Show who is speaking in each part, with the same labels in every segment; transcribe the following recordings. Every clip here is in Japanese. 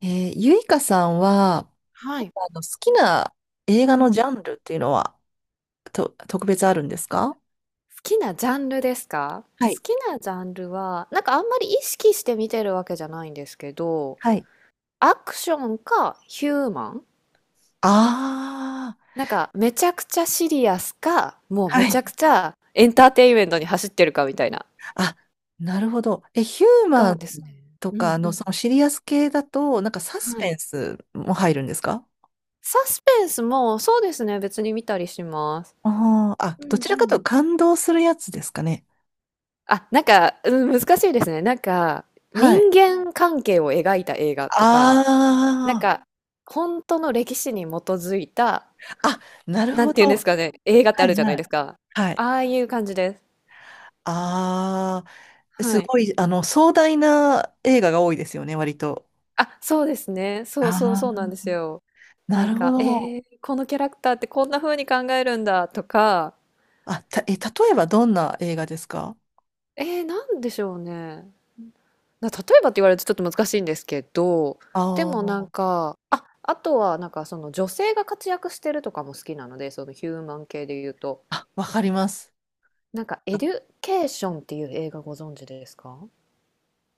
Speaker 1: ゆいかさんは、
Speaker 2: はい。
Speaker 1: 好きな映画
Speaker 2: う
Speaker 1: の
Speaker 2: ん。
Speaker 1: ジャンルっていうのは、特別あるんですか？は
Speaker 2: 好
Speaker 1: い。
Speaker 2: きなジャンルは、なんかあんまり意識して見てるわけじゃないんですけど、
Speaker 1: はい。
Speaker 2: アクションかヒューマン、
Speaker 1: あ
Speaker 2: なんかめちゃくちゃシリアスか、もう
Speaker 1: あは
Speaker 2: めちゃ
Speaker 1: い。
Speaker 2: くちゃエンターテインメントに走ってるかみたいな。
Speaker 1: あ、なるほど。ヒューマ
Speaker 2: が
Speaker 1: ン
Speaker 2: ですね。
Speaker 1: と
Speaker 2: うん
Speaker 1: か
Speaker 2: う
Speaker 1: の
Speaker 2: ん。
Speaker 1: そのシリアス系だと、なんかサス
Speaker 2: は
Speaker 1: ペ
Speaker 2: い。
Speaker 1: ンスも入るんですか？
Speaker 2: サスペンスもそうですね、別に見たりします。
Speaker 1: あ、
Speaker 2: う
Speaker 1: ど
Speaker 2: んう
Speaker 1: ちらかという
Speaker 2: ん。
Speaker 1: と感動するやつですかね。
Speaker 2: あ、なんか、うん、難しいですね。なんか
Speaker 1: は
Speaker 2: 人
Speaker 1: い。
Speaker 2: 間関係を描いた映画とか、なん
Speaker 1: あ
Speaker 2: か、本当の歴史に基づいた、
Speaker 1: あ、あ、なる
Speaker 2: なん
Speaker 1: ほ
Speaker 2: て言うん
Speaker 1: ど。
Speaker 2: で
Speaker 1: は
Speaker 2: すかね、映画ってあ
Speaker 1: い
Speaker 2: るじゃない
Speaker 1: は
Speaker 2: です
Speaker 1: い。
Speaker 2: か。
Speaker 1: は
Speaker 2: あ
Speaker 1: い。
Speaker 2: あいう感じです。
Speaker 1: あ
Speaker 2: は
Speaker 1: す
Speaker 2: い。
Speaker 1: ごい、壮大な映画が多いですよね、割と。
Speaker 2: あ、そうですね。そう
Speaker 1: あ
Speaker 2: そうそうなん
Speaker 1: あ、
Speaker 2: ですよ。な
Speaker 1: な
Speaker 2: ん
Speaker 1: るほ
Speaker 2: か、
Speaker 1: ど。
Speaker 2: このキャラクターってこんな風に考えるんだとか、
Speaker 1: 例えばどんな映画ですか？
Speaker 2: なんでしょうね。例えばって言われるとちょっと難しいんですけど、
Speaker 1: あ
Speaker 2: でもなん
Speaker 1: ー
Speaker 2: か、あ、あとはなんかその女性が活躍してるとかも好きなので、そのヒューマン系で言うと。
Speaker 1: あ、わかります。
Speaker 2: なんか、エデュケーションっていう映画ご存知ですか？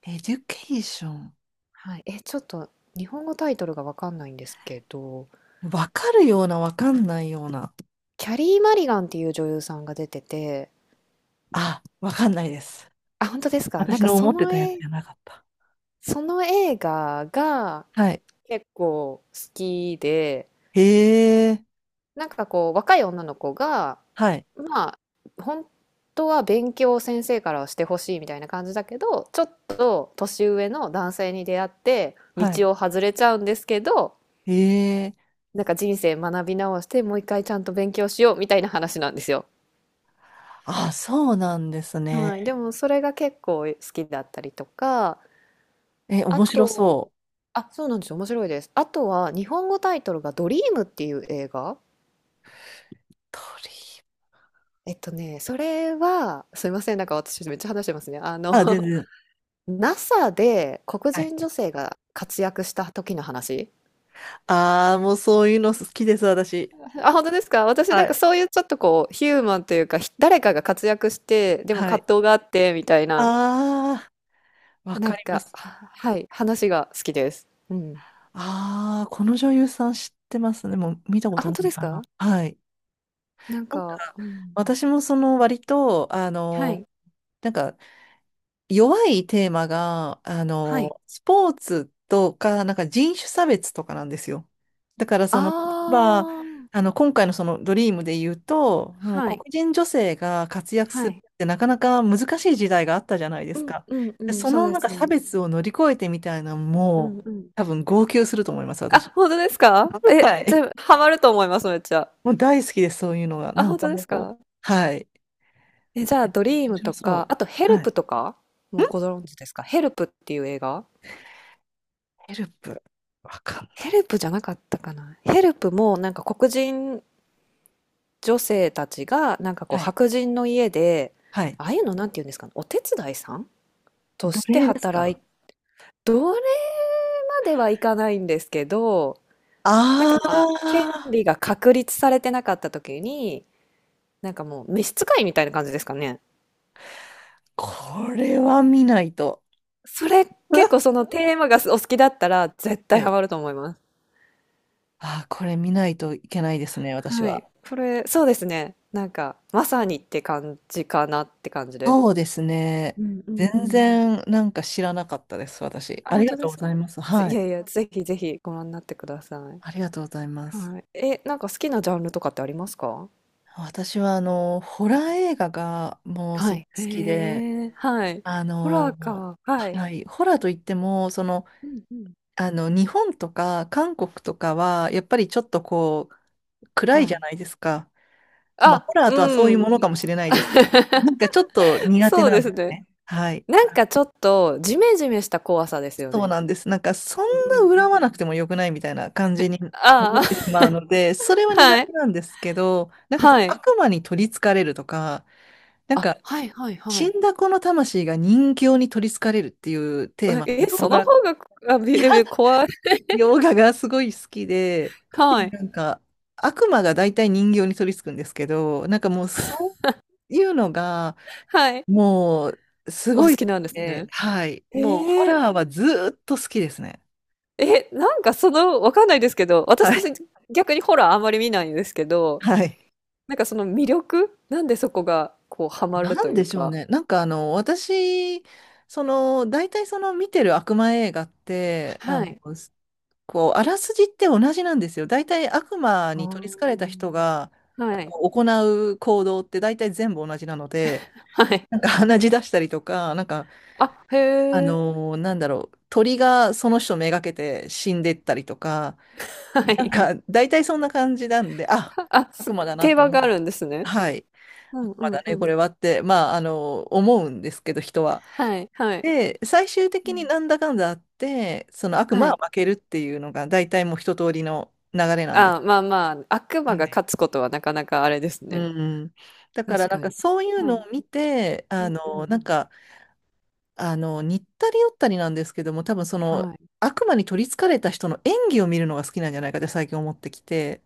Speaker 1: エデュケーション。
Speaker 2: はい、え、ちょっと日本語タイトルがわかんないんですけど、
Speaker 1: わかるような、わかんないような。
Speaker 2: キャリー・マリガンっていう女優さんが出てて、
Speaker 1: あ、わかんないです。
Speaker 2: あ、本当ですか？なん
Speaker 1: 私
Speaker 2: か
Speaker 1: の
Speaker 2: そ
Speaker 1: 思って
Speaker 2: の
Speaker 1: たやつ
Speaker 2: 絵、
Speaker 1: じゃなかった。
Speaker 2: その映画が
Speaker 1: はい。
Speaker 2: 結構好きで、
Speaker 1: へえ、
Speaker 2: なんかこう若い女の子が、
Speaker 1: はい、
Speaker 2: まあ本当は勉強を先生からはしてほしいみたいな感じだけど、ちょっと年上の男性に出会って
Speaker 1: はい。
Speaker 2: 道を外れちゃうんですけど、
Speaker 1: へえ、
Speaker 2: なんか人生学び直してもう一回ちゃんと勉強しようみたいな話なんですよ。
Speaker 1: あ、そうなんです
Speaker 2: はい、で
Speaker 1: ね。
Speaker 2: もそれが結構好きだったりとか、
Speaker 1: え、
Speaker 2: あ
Speaker 1: 面白
Speaker 2: と、
Speaker 1: そう。
Speaker 2: あ、そうなんですよ、面白いです。あとは日本語タイトルが「ドリーム」っていう映画。
Speaker 1: 鳥。
Speaker 2: えっとね、それは、すいません、なんか私めっちゃ話してますね。
Speaker 1: あ、全 然。
Speaker 2: NASA で黒
Speaker 1: はい。
Speaker 2: 人女性が活躍した時の話。
Speaker 1: ああ、もうそういうの好きです、私。
Speaker 2: あ、本当ですか？私な
Speaker 1: は
Speaker 2: んか
Speaker 1: い。
Speaker 2: そういうちょっとこう、ヒューマンというか、誰かが活躍して、でも
Speaker 1: はい。
Speaker 2: 葛藤があって、みたいな、
Speaker 1: ああ、わ
Speaker 2: な
Speaker 1: か
Speaker 2: ん
Speaker 1: りま
Speaker 2: か、
Speaker 1: す。
Speaker 2: はい、話が好きです。うん。
Speaker 1: ああ、この女優さん知ってますね。もう見たこ
Speaker 2: あ、
Speaker 1: と
Speaker 2: 本
Speaker 1: な
Speaker 2: 当
Speaker 1: い
Speaker 2: です
Speaker 1: か
Speaker 2: か？
Speaker 1: な。はい。
Speaker 2: なん
Speaker 1: なん
Speaker 2: か、
Speaker 1: か、
Speaker 2: うん。
Speaker 1: 私もその割と、
Speaker 2: はい、
Speaker 1: なんか、弱いテーマが、
Speaker 2: はい。
Speaker 1: スポーツとか、なんか人種差別とかなんですよ。だからその、例え
Speaker 2: あ
Speaker 1: ば、
Speaker 2: あ、
Speaker 1: 今回のそのドリームで言うと、その
Speaker 2: は
Speaker 1: 黒
Speaker 2: い、
Speaker 1: 人女性が活躍
Speaker 2: は
Speaker 1: する
Speaker 2: い。
Speaker 1: ってなかなか難しい時代があったじゃないで
Speaker 2: う
Speaker 1: す
Speaker 2: ん
Speaker 1: か。
Speaker 2: うんう
Speaker 1: で
Speaker 2: ん、
Speaker 1: そ
Speaker 2: そう
Speaker 1: の
Speaker 2: で
Speaker 1: なんか
Speaker 2: すね。
Speaker 1: 差別を乗り越えてみたいな、
Speaker 2: う
Speaker 1: も
Speaker 2: ん
Speaker 1: う、
Speaker 2: うん。
Speaker 1: 多分号泣すると思います、
Speaker 2: あ、
Speaker 1: 私。
Speaker 2: 本当ですか？え、
Speaker 1: は
Speaker 2: じ
Speaker 1: い。
Speaker 2: ゃあ、ハマると思います、めっちゃ。
Speaker 1: もう大好きです、そういうのが。
Speaker 2: あ、
Speaker 1: なん
Speaker 2: 本
Speaker 1: か
Speaker 2: 当です
Speaker 1: もう、
Speaker 2: か？
Speaker 1: はい。
Speaker 2: え、じゃあ、ドリー
Speaker 1: 面
Speaker 2: ム
Speaker 1: 白
Speaker 2: と
Speaker 1: そ
Speaker 2: か、
Speaker 1: う。
Speaker 2: あとヘル
Speaker 1: はい。
Speaker 2: プとか、もうご存知ですか？ヘルプっていう映画？
Speaker 1: ヘルプ。わかん
Speaker 2: ヘ
Speaker 1: ない。
Speaker 2: ルプじゃなかったかな。ヘルプもなんか黒人女性たちがなんかこう
Speaker 1: はい。
Speaker 2: 白人の家で、
Speaker 1: はい。
Speaker 2: ああいうのなんて言うんですかね、お手伝いさんと
Speaker 1: 奴
Speaker 2: して
Speaker 1: 隷です
Speaker 2: 働い、
Speaker 1: か？
Speaker 2: どれまではいかないんですけど、なんか
Speaker 1: あ
Speaker 2: まあ、権
Speaker 1: あー、
Speaker 2: 利が確立されてなかった時に、なんかもう召使いみたいな感じですかね。
Speaker 1: これは見ないと。
Speaker 2: それ結構そ のテーマがお好きだったら絶
Speaker 1: は
Speaker 2: 対
Speaker 1: い。
Speaker 2: ハマると思います。
Speaker 1: これ見ないといけないですね、私
Speaker 2: は
Speaker 1: は。
Speaker 2: い。これ、そうですね。なんか、まさにって感じかなって感じです。
Speaker 1: そうですね。
Speaker 2: うんう
Speaker 1: 全
Speaker 2: んうん。
Speaker 1: 然なんか知らなかったです、私。
Speaker 2: あ、
Speaker 1: あり
Speaker 2: 本
Speaker 1: が
Speaker 2: 当で
Speaker 1: とうご
Speaker 2: す
Speaker 1: ざい
Speaker 2: か？
Speaker 1: ます。は
Speaker 2: い
Speaker 1: い。
Speaker 2: やいや、ぜひぜひご覧になってください。
Speaker 1: ありがとうございます。
Speaker 2: はい。え、なんか好きなジャンルとかってありますか？
Speaker 1: 私はあの、ホラー映画がもうす
Speaker 2: は
Speaker 1: ごく
Speaker 2: い。
Speaker 1: 好きで、
Speaker 2: へえ、はい。
Speaker 1: あ
Speaker 2: ホラー
Speaker 1: の、
Speaker 2: か。はい。
Speaker 1: はい、ホラーといっても、
Speaker 2: うんうん。
Speaker 1: 日本とか韓国とかは、やっぱりちょっと暗い
Speaker 2: は
Speaker 1: じゃ
Speaker 2: い。
Speaker 1: ないですか。まあ、ホ
Speaker 2: あ、
Speaker 1: ラーとはそうい
Speaker 2: う
Speaker 1: う
Speaker 2: ん。
Speaker 1: ものかもしれないですね。なんかちょっと苦手
Speaker 2: そう
Speaker 1: な
Speaker 2: で
Speaker 1: んで
Speaker 2: す
Speaker 1: す
Speaker 2: ね。
Speaker 1: ね。はい。
Speaker 2: なんかちょっとジメジメした怖さですよ
Speaker 1: そう
Speaker 2: ね。
Speaker 1: なんです。なんかそん
Speaker 2: うんう
Speaker 1: な
Speaker 2: んう
Speaker 1: 恨まなく
Speaker 2: ん。
Speaker 1: てもよくないみたいな感じに思って
Speaker 2: あ
Speaker 1: しまうので、それは
Speaker 2: あ、
Speaker 1: 苦
Speaker 2: は
Speaker 1: 手
Speaker 2: い。
Speaker 1: なんですけど、なんかその
Speaker 2: はい。
Speaker 1: 悪魔に取り憑かれるとか、なんか
Speaker 2: あ、はいはいはい。
Speaker 1: 死んだ子の魂が人形に取り憑かれるっていうテーマ、
Speaker 2: え、
Speaker 1: 洋
Speaker 2: その
Speaker 1: 画、
Speaker 2: 方が、あ、
Speaker 1: いや、
Speaker 2: 怖い。
Speaker 1: 洋画がすごい好きで、特
Speaker 2: は
Speaker 1: に
Speaker 2: い。
Speaker 1: なんか悪魔が大体人形に取り憑くんですけど、なんかもうそういうのが、
Speaker 2: はい。
Speaker 1: もう、す
Speaker 2: お
Speaker 1: ご
Speaker 2: 好
Speaker 1: い好
Speaker 2: き
Speaker 1: き
Speaker 2: なんです
Speaker 1: で、
Speaker 2: ね。
Speaker 1: はい。もう、ホ
Speaker 2: ええ、
Speaker 1: ラーはずーっと好きですね。
Speaker 2: え、なんかその、わかんないですけど、
Speaker 1: は
Speaker 2: 私
Speaker 1: い。
Speaker 2: 逆にホラーあんまり見ないんですけど、
Speaker 1: はい。
Speaker 2: なんかその魅力なんでそこがこうハマる
Speaker 1: な
Speaker 2: と
Speaker 1: ん
Speaker 2: いう
Speaker 1: でしょう
Speaker 2: か。
Speaker 1: ね。なんか、私、大体その見てる悪魔映画って、
Speaker 2: はい。
Speaker 1: あらすじって同じなんですよ。大体悪魔
Speaker 2: あ
Speaker 1: に取り憑かれた
Speaker 2: ー、
Speaker 1: 人が
Speaker 2: はい。
Speaker 1: 行う行動って大体全部同じなので、
Speaker 2: はい。
Speaker 1: なんか鼻血出したりとか、なんか、
Speaker 2: あ、へえ。
Speaker 1: なんだろう、鳥がその人めがけて死んでったりとか、
Speaker 2: は
Speaker 1: なん
Speaker 2: い。
Speaker 1: か、大体そんな感じなんで、あ、
Speaker 2: あ、
Speaker 1: 悪魔だなっ
Speaker 2: 定
Speaker 1: て
Speaker 2: 番
Speaker 1: 思う。
Speaker 2: があるんですね。
Speaker 1: はい。
Speaker 2: う
Speaker 1: 悪
Speaker 2: んう
Speaker 1: 魔だ
Speaker 2: んう
Speaker 1: ね、こ
Speaker 2: ん。
Speaker 1: れはって、まあ、思うんですけど、人は。
Speaker 2: はい、はい。
Speaker 1: で、最終
Speaker 2: う
Speaker 1: 的に
Speaker 2: ん。
Speaker 1: なんだかんだあって、その悪
Speaker 2: は
Speaker 1: 魔は
Speaker 2: い。
Speaker 1: 負けるっていうのが、大体もう一通りの流れなんです。
Speaker 2: あ、まあまあ、悪
Speaker 1: は
Speaker 2: 魔が
Speaker 1: い。
Speaker 2: 勝つことはなかなかあれです
Speaker 1: う
Speaker 2: ね。
Speaker 1: ん。だから、
Speaker 2: 確
Speaker 1: なん
Speaker 2: か
Speaker 1: か
Speaker 2: に。
Speaker 1: そういう
Speaker 2: は
Speaker 1: の
Speaker 2: い。
Speaker 1: を見て、
Speaker 2: うんうん。
Speaker 1: なんか、似ったり寄ったりなんですけども、多分
Speaker 2: はい。
Speaker 1: 悪魔に取り憑かれた人の演技を見るのが好きなんじゃないかって最近思ってきて、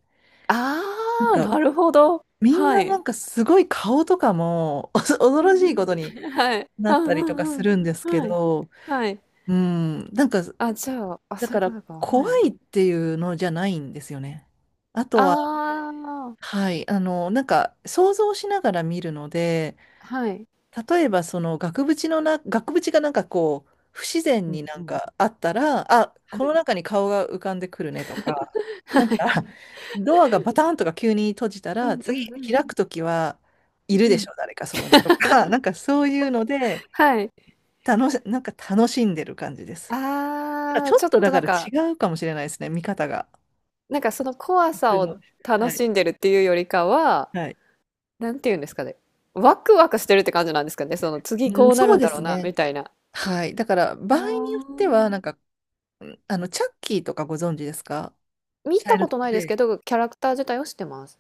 Speaker 2: あ
Speaker 1: なん
Speaker 2: あ、
Speaker 1: か、
Speaker 2: なるほど。
Speaker 1: みん
Speaker 2: は
Speaker 1: なな
Speaker 2: い。
Speaker 1: んかすごい顔とかも 恐
Speaker 2: う
Speaker 1: ろ
Speaker 2: ん
Speaker 1: しいことに
Speaker 2: うん。はい。
Speaker 1: な
Speaker 2: あ、
Speaker 1: っ
Speaker 2: う
Speaker 1: たりとか
Speaker 2: んう
Speaker 1: す
Speaker 2: ん。
Speaker 1: るんですけ
Speaker 2: はい。
Speaker 1: ど、
Speaker 2: はい。
Speaker 1: うん、なんか、
Speaker 2: あ、じゃあ、あ、
Speaker 1: だ
Speaker 2: そう
Speaker 1: か
Speaker 2: いう
Speaker 1: ら
Speaker 2: ことか。
Speaker 1: 怖
Speaker 2: はい。
Speaker 1: いっていうのじゃないんですよね。あとは、
Speaker 2: ああ、
Speaker 1: はい、なんか想像しながら見るので、
Speaker 2: はい。
Speaker 1: 例えばその額縁がなんか不自然
Speaker 2: う
Speaker 1: に
Speaker 2: ん
Speaker 1: な
Speaker 2: う
Speaker 1: ん
Speaker 2: ん。
Speaker 1: かあったら、あ、
Speaker 2: は
Speaker 1: この
Speaker 2: い。
Speaker 1: 中に顔が浮かんでくるねとか、
Speaker 2: は
Speaker 1: なんか
Speaker 2: い。
Speaker 1: ドアがバタンとか急に閉じた
Speaker 2: う
Speaker 1: ら、
Speaker 2: んう
Speaker 1: 次
Speaker 2: んうん。
Speaker 1: 開くときはいる
Speaker 2: う
Speaker 1: でし
Speaker 2: ん。
Speaker 1: ょ、誰かそこにとか、なんかそういうので、
Speaker 2: はい。
Speaker 1: なんか楽しんでる感じです。
Speaker 2: あ
Speaker 1: ち
Speaker 2: あ、
Speaker 1: ょ
Speaker 2: ち
Speaker 1: っ
Speaker 2: ょっ
Speaker 1: とだ
Speaker 2: とな
Speaker 1: か
Speaker 2: ん
Speaker 1: ら違
Speaker 2: か、
Speaker 1: うかもしれないですね、見方が。
Speaker 2: なんかその怖
Speaker 1: 普
Speaker 2: さ
Speaker 1: 通
Speaker 2: を
Speaker 1: のは
Speaker 2: 楽
Speaker 1: い。
Speaker 2: しんでるっていうよりかは、
Speaker 1: はい。
Speaker 2: なんて言うんですかね、ワクワクしてるって感じなんですかね、その次
Speaker 1: うん、
Speaker 2: こうな
Speaker 1: そう
Speaker 2: るん
Speaker 1: で
Speaker 2: だろ
Speaker 1: す
Speaker 2: うなみ
Speaker 1: ね。
Speaker 2: たいな。
Speaker 1: はい。だから、
Speaker 2: あ
Speaker 1: 場合によっては、なん
Speaker 2: あ。
Speaker 1: か、チャッキーとかご存知ですか？
Speaker 2: 見
Speaker 1: チャイ
Speaker 2: た
Speaker 1: ル
Speaker 2: こ
Speaker 1: ド
Speaker 2: と
Speaker 1: プ
Speaker 2: ないで
Speaker 1: レ
Speaker 2: す
Speaker 1: イ。
Speaker 2: けど、キャラクター自体を知ってます。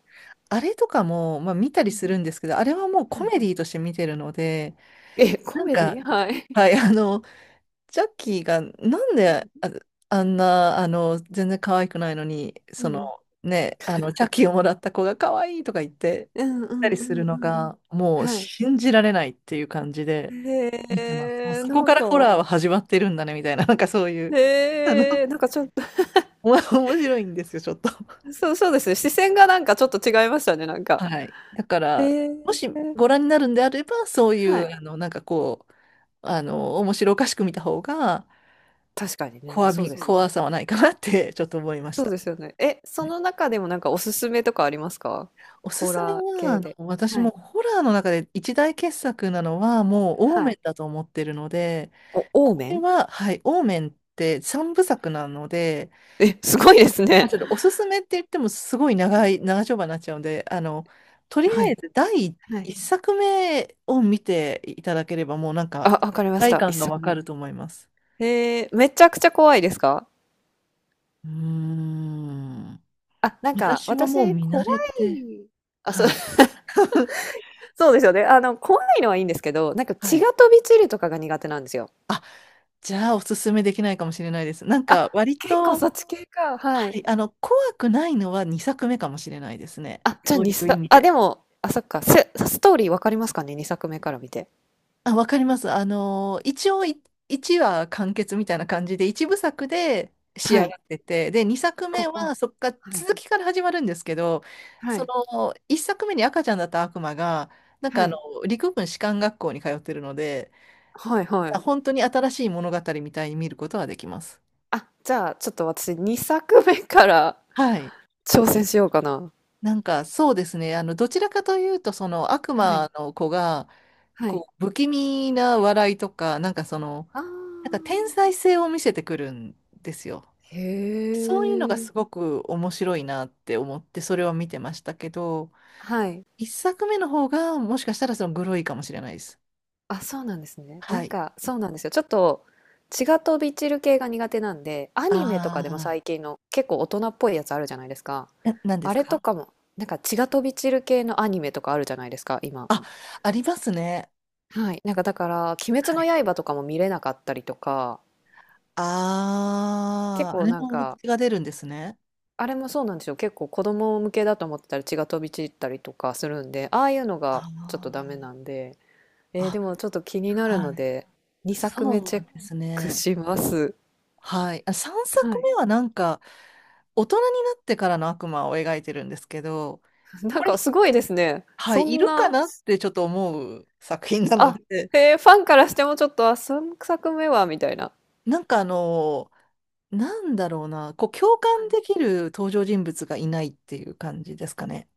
Speaker 1: あれとかも、まあ、見たり
Speaker 2: うん。
Speaker 1: するんですけど、あれはもうコ
Speaker 2: はい。
Speaker 1: メディとして見てるので、
Speaker 2: え、コ
Speaker 1: なん
Speaker 2: メデ
Speaker 1: かうん。
Speaker 2: ィ？はい。
Speaker 1: はい、ジャッキーがなんで
Speaker 2: う
Speaker 1: あんな、全然可愛くないのに、
Speaker 2: んうん。
Speaker 1: チャッキーをもらった子が可愛いとか言って
Speaker 2: うんう
Speaker 1: た
Speaker 2: ん。
Speaker 1: り
Speaker 2: う
Speaker 1: す
Speaker 2: んうん
Speaker 1: る
Speaker 2: う
Speaker 1: の
Speaker 2: んうんうん。
Speaker 1: が、もう
Speaker 2: はい。
Speaker 1: 信じられないっていう感じで見てます。もう
Speaker 2: へえ、
Speaker 1: そこ
Speaker 2: な
Speaker 1: か
Speaker 2: ん
Speaker 1: らホ
Speaker 2: か、
Speaker 1: ラーは始まってるんだね、みたいな、なんかそういう、
Speaker 2: へえ、なんかちょっと、
Speaker 1: 面白いんですよ、ちょっと。
Speaker 2: そうそうですね。視線がなんかちょっと違いましたね、なんか。
Speaker 1: はい。だから、
Speaker 2: ええ、
Speaker 1: もしご覧になるんであれば、そうい
Speaker 2: は
Speaker 1: う、
Speaker 2: い。
Speaker 1: なんか面白おかしく見た方が、
Speaker 2: 確かにね、そうで
Speaker 1: そう
Speaker 2: す。
Speaker 1: 怖さはないかなって、ちょっと思いまし
Speaker 2: そう
Speaker 1: た。
Speaker 2: ですよね。え、そ
Speaker 1: はい。
Speaker 2: の中でもなんかおすすめとかありますか？
Speaker 1: おす
Speaker 2: ホ
Speaker 1: すめ
Speaker 2: ラー
Speaker 1: は、
Speaker 2: 系で。
Speaker 1: 私
Speaker 2: は
Speaker 1: も
Speaker 2: い、
Speaker 1: ホラーの中で一大傑作なのは、もう、オー
Speaker 2: は
Speaker 1: メン
Speaker 2: い。
Speaker 1: だと思ってるので、
Speaker 2: お、
Speaker 1: こ
Speaker 2: オーメ
Speaker 1: れ
Speaker 2: ン？
Speaker 1: は、はい、オーメンって三部作なので、
Speaker 2: え、すごいです
Speaker 1: まあ、
Speaker 2: ね。
Speaker 1: ちょっとおすすめって言ってもすごい長丁場になっちゃうんで、とり
Speaker 2: は
Speaker 1: あえ
Speaker 2: い、
Speaker 1: ず第
Speaker 2: はい。
Speaker 1: 一作目を見ていただければもうなん
Speaker 2: あ、
Speaker 1: か、
Speaker 2: わかりまし
Speaker 1: 体
Speaker 2: た。一
Speaker 1: 感がわ
Speaker 2: 作
Speaker 1: か
Speaker 2: 目。
Speaker 1: ると思います。
Speaker 2: め。へえ、めちゃくちゃ怖いですか？
Speaker 1: うーん。
Speaker 2: あ、なんか
Speaker 1: 私はもう
Speaker 2: 私
Speaker 1: 見慣
Speaker 2: 怖
Speaker 1: れて、
Speaker 2: い。あ、そう、
Speaker 1: はい。
Speaker 2: そうですよね。あの、怖いのはいいんですけど、なんか
Speaker 1: は
Speaker 2: 血
Speaker 1: い。
Speaker 2: が飛び散るとかが苦手なんですよ。
Speaker 1: じゃあ、おすすめできないかもしれないです。なん
Speaker 2: あ、
Speaker 1: か、割
Speaker 2: 結構
Speaker 1: と、
Speaker 2: そっち系か。は
Speaker 1: は
Speaker 2: い。
Speaker 1: い、怖くないのは2作目かもしれないですね。
Speaker 2: あ、じゃあ
Speaker 1: そう
Speaker 2: に、
Speaker 1: いう意
Speaker 2: さ
Speaker 1: 味
Speaker 2: あ、で
Speaker 1: で。
Speaker 2: も、あ、そっか、ストーリーわかりますかね？2作目から見て。
Speaker 1: あ、わかります。一応1話完結みたいな感じで、一部作で仕上
Speaker 2: はい。
Speaker 1: がってて、で、2作
Speaker 2: う
Speaker 1: 目
Speaker 2: んうん。
Speaker 1: はそっから
Speaker 2: はい。
Speaker 1: 続きから始まるんですけど、
Speaker 2: は
Speaker 1: そ
Speaker 2: い。
Speaker 1: の1作目に赤ちゃんだった悪魔が、なんか
Speaker 2: はい。
Speaker 1: 陸軍士官学校に通ってるので、
Speaker 2: はいはい。
Speaker 1: 本当に新しい物語みたいに見ることはできます。
Speaker 2: あ、じゃあ、ちょっと私2作目から
Speaker 1: はい。
Speaker 2: 挑戦しようかな。
Speaker 1: なんかそうですね、どちらかというと、その悪
Speaker 2: はい。
Speaker 1: 魔の子が、
Speaker 2: はい。
Speaker 1: 不気味な笑いとか、
Speaker 2: あ
Speaker 1: なんか
Speaker 2: あ。
Speaker 1: 天才性を見せてくるんですよ。
Speaker 2: へ
Speaker 1: そういうのがす
Speaker 2: え。
Speaker 1: ごく面白いなって思ってそれを見てましたけど、
Speaker 2: はい。
Speaker 1: 一作目の方がもしかしたらグロいかもしれないです。
Speaker 2: あ、そうなんですね。な
Speaker 1: は
Speaker 2: ん
Speaker 1: い。
Speaker 2: か、そうなんですよ。ちょっと、血が飛び散る系が苦手なんで、アニメとかでも
Speaker 1: あ
Speaker 2: 最近の結構大人っぽいやつあるじゃないですか。
Speaker 1: あ、何で
Speaker 2: あ
Speaker 1: す
Speaker 2: れと
Speaker 1: か？
Speaker 2: かも、なんか血が飛び散る系のアニメとかあるじゃないですか、今。
Speaker 1: あ、ありますね。
Speaker 2: はい。なんかだから、鬼滅
Speaker 1: は
Speaker 2: の
Speaker 1: い。
Speaker 2: 刃とかも見れなかったりとか、結
Speaker 1: ああ、あ
Speaker 2: 構
Speaker 1: れ
Speaker 2: なん
Speaker 1: も
Speaker 2: か、
Speaker 1: 血が出るんですね。
Speaker 2: あれもそうなんですよ。結構子供向けだと思ってたら血が飛び散ったりとかするんで、ああいうのがちょっとダ
Speaker 1: あ
Speaker 2: メなんで、
Speaker 1: あ、
Speaker 2: でもちょっと気にな
Speaker 1: あ、
Speaker 2: るの
Speaker 1: はい。
Speaker 2: で、2作目チ
Speaker 1: そ
Speaker 2: ェ
Speaker 1: う
Speaker 2: ッ
Speaker 1: です
Speaker 2: ク
Speaker 1: ね。
Speaker 2: します。
Speaker 1: はい。あ、3
Speaker 2: は
Speaker 1: 作
Speaker 2: い
Speaker 1: 目はなんか大人になってからの悪魔を描いてるんですけど、
Speaker 2: な
Speaker 1: こ
Speaker 2: んか
Speaker 1: れ、
Speaker 2: すごいですね。
Speaker 1: は
Speaker 2: そ
Speaker 1: い、い
Speaker 2: ん
Speaker 1: るか
Speaker 2: な、
Speaker 1: なってちょっと思う作品なの
Speaker 2: あ、
Speaker 1: で、
Speaker 2: へえ、ファンからしてもちょっと、あ、3作目はみたいな。
Speaker 1: なんかなんだろうな、共
Speaker 2: は
Speaker 1: 感
Speaker 2: い。
Speaker 1: できる登場人物がいないっていう感じですかね。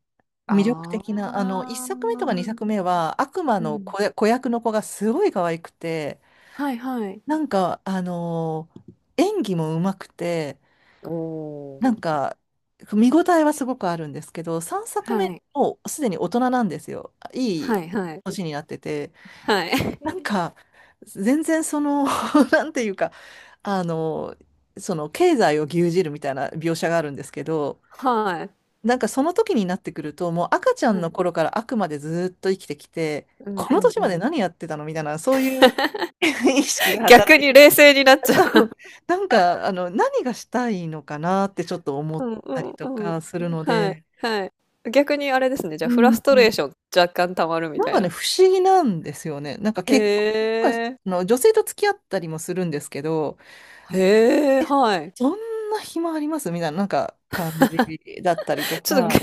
Speaker 1: 魅力
Speaker 2: あ
Speaker 1: 的な、一作目とか二
Speaker 2: あ。
Speaker 1: 作目は悪魔
Speaker 2: う
Speaker 1: の
Speaker 2: ん。
Speaker 1: 子や、子役の子がすごい可愛くて、
Speaker 2: はいはい。
Speaker 1: なんか演技も上手くて、
Speaker 2: おお。
Speaker 1: なんか見応えはすごくあるんですけど、三作目
Speaker 2: はい。
Speaker 1: もうすでに大人なんですよ。い
Speaker 2: は
Speaker 1: い
Speaker 2: いはい。
Speaker 1: 年になってて、
Speaker 2: はい。
Speaker 1: なん か、全然なんていうか、あの、その経済を牛耳るみたいな描写があるんですけど、
Speaker 2: はい。
Speaker 1: なんかその時になってくると、もう赤ちゃ
Speaker 2: は
Speaker 1: んの
Speaker 2: い。
Speaker 1: 頃からあくまでずっと生きてきて、
Speaker 2: うん
Speaker 1: こ
Speaker 2: う
Speaker 1: の
Speaker 2: ん
Speaker 1: 年
Speaker 2: う
Speaker 1: まで
Speaker 2: ん。
Speaker 1: 何やってたのみたいな、そういう 意識が
Speaker 2: 逆
Speaker 1: 働い
Speaker 2: に
Speaker 1: て
Speaker 2: 冷静になっ
Speaker 1: る
Speaker 2: ち
Speaker 1: と、
Speaker 2: ゃう。
Speaker 1: なんか、何がしたいのかなってちょっと思
Speaker 2: う
Speaker 1: っ
Speaker 2: んう
Speaker 1: たり
Speaker 2: ん
Speaker 1: と
Speaker 2: うん。
Speaker 1: かするの
Speaker 2: はい、
Speaker 1: で、
Speaker 2: はい。逆にあれですね、じゃ
Speaker 1: う
Speaker 2: あフラ
Speaker 1: ん、
Speaker 2: ストレーション若干溜まるみ
Speaker 1: なん
Speaker 2: たい
Speaker 1: かね、
Speaker 2: な。
Speaker 1: 不思議なんですよね。なんか
Speaker 2: へ
Speaker 1: 結婚とか、
Speaker 2: え。
Speaker 1: あの女性と付き合ったりもするんですけど、
Speaker 2: へえ、はい。
Speaker 1: そんな暇ありますみたいな、なんか感じだったりと
Speaker 2: ちょっと
Speaker 1: か、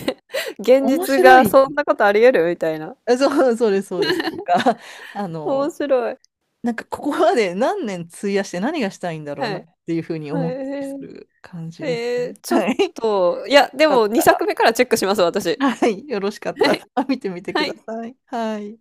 Speaker 2: げ 現
Speaker 1: 面
Speaker 2: 実
Speaker 1: 白
Speaker 2: が
Speaker 1: い。
Speaker 2: そんなことあり得るみたいな。
Speaker 1: そう、そうです、そうです。あ
Speaker 2: 面
Speaker 1: の、
Speaker 2: 白い。
Speaker 1: なんかここまで何年費やして何がしたいんだろう
Speaker 2: は
Speaker 1: なっ
Speaker 2: い。
Speaker 1: ていうふうに
Speaker 2: はい。
Speaker 1: 思ったりする感じですね。
Speaker 2: ちょっ
Speaker 1: はい。よ
Speaker 2: と、いや、で
Speaker 1: か
Speaker 2: も
Speaker 1: った
Speaker 2: 2作
Speaker 1: ら、
Speaker 2: 目からチェックします、私。
Speaker 1: はい、よろしかっ
Speaker 2: は
Speaker 1: た
Speaker 2: い。
Speaker 1: ら見てみてく
Speaker 2: は
Speaker 1: だ
Speaker 2: い。
Speaker 1: さい。はい。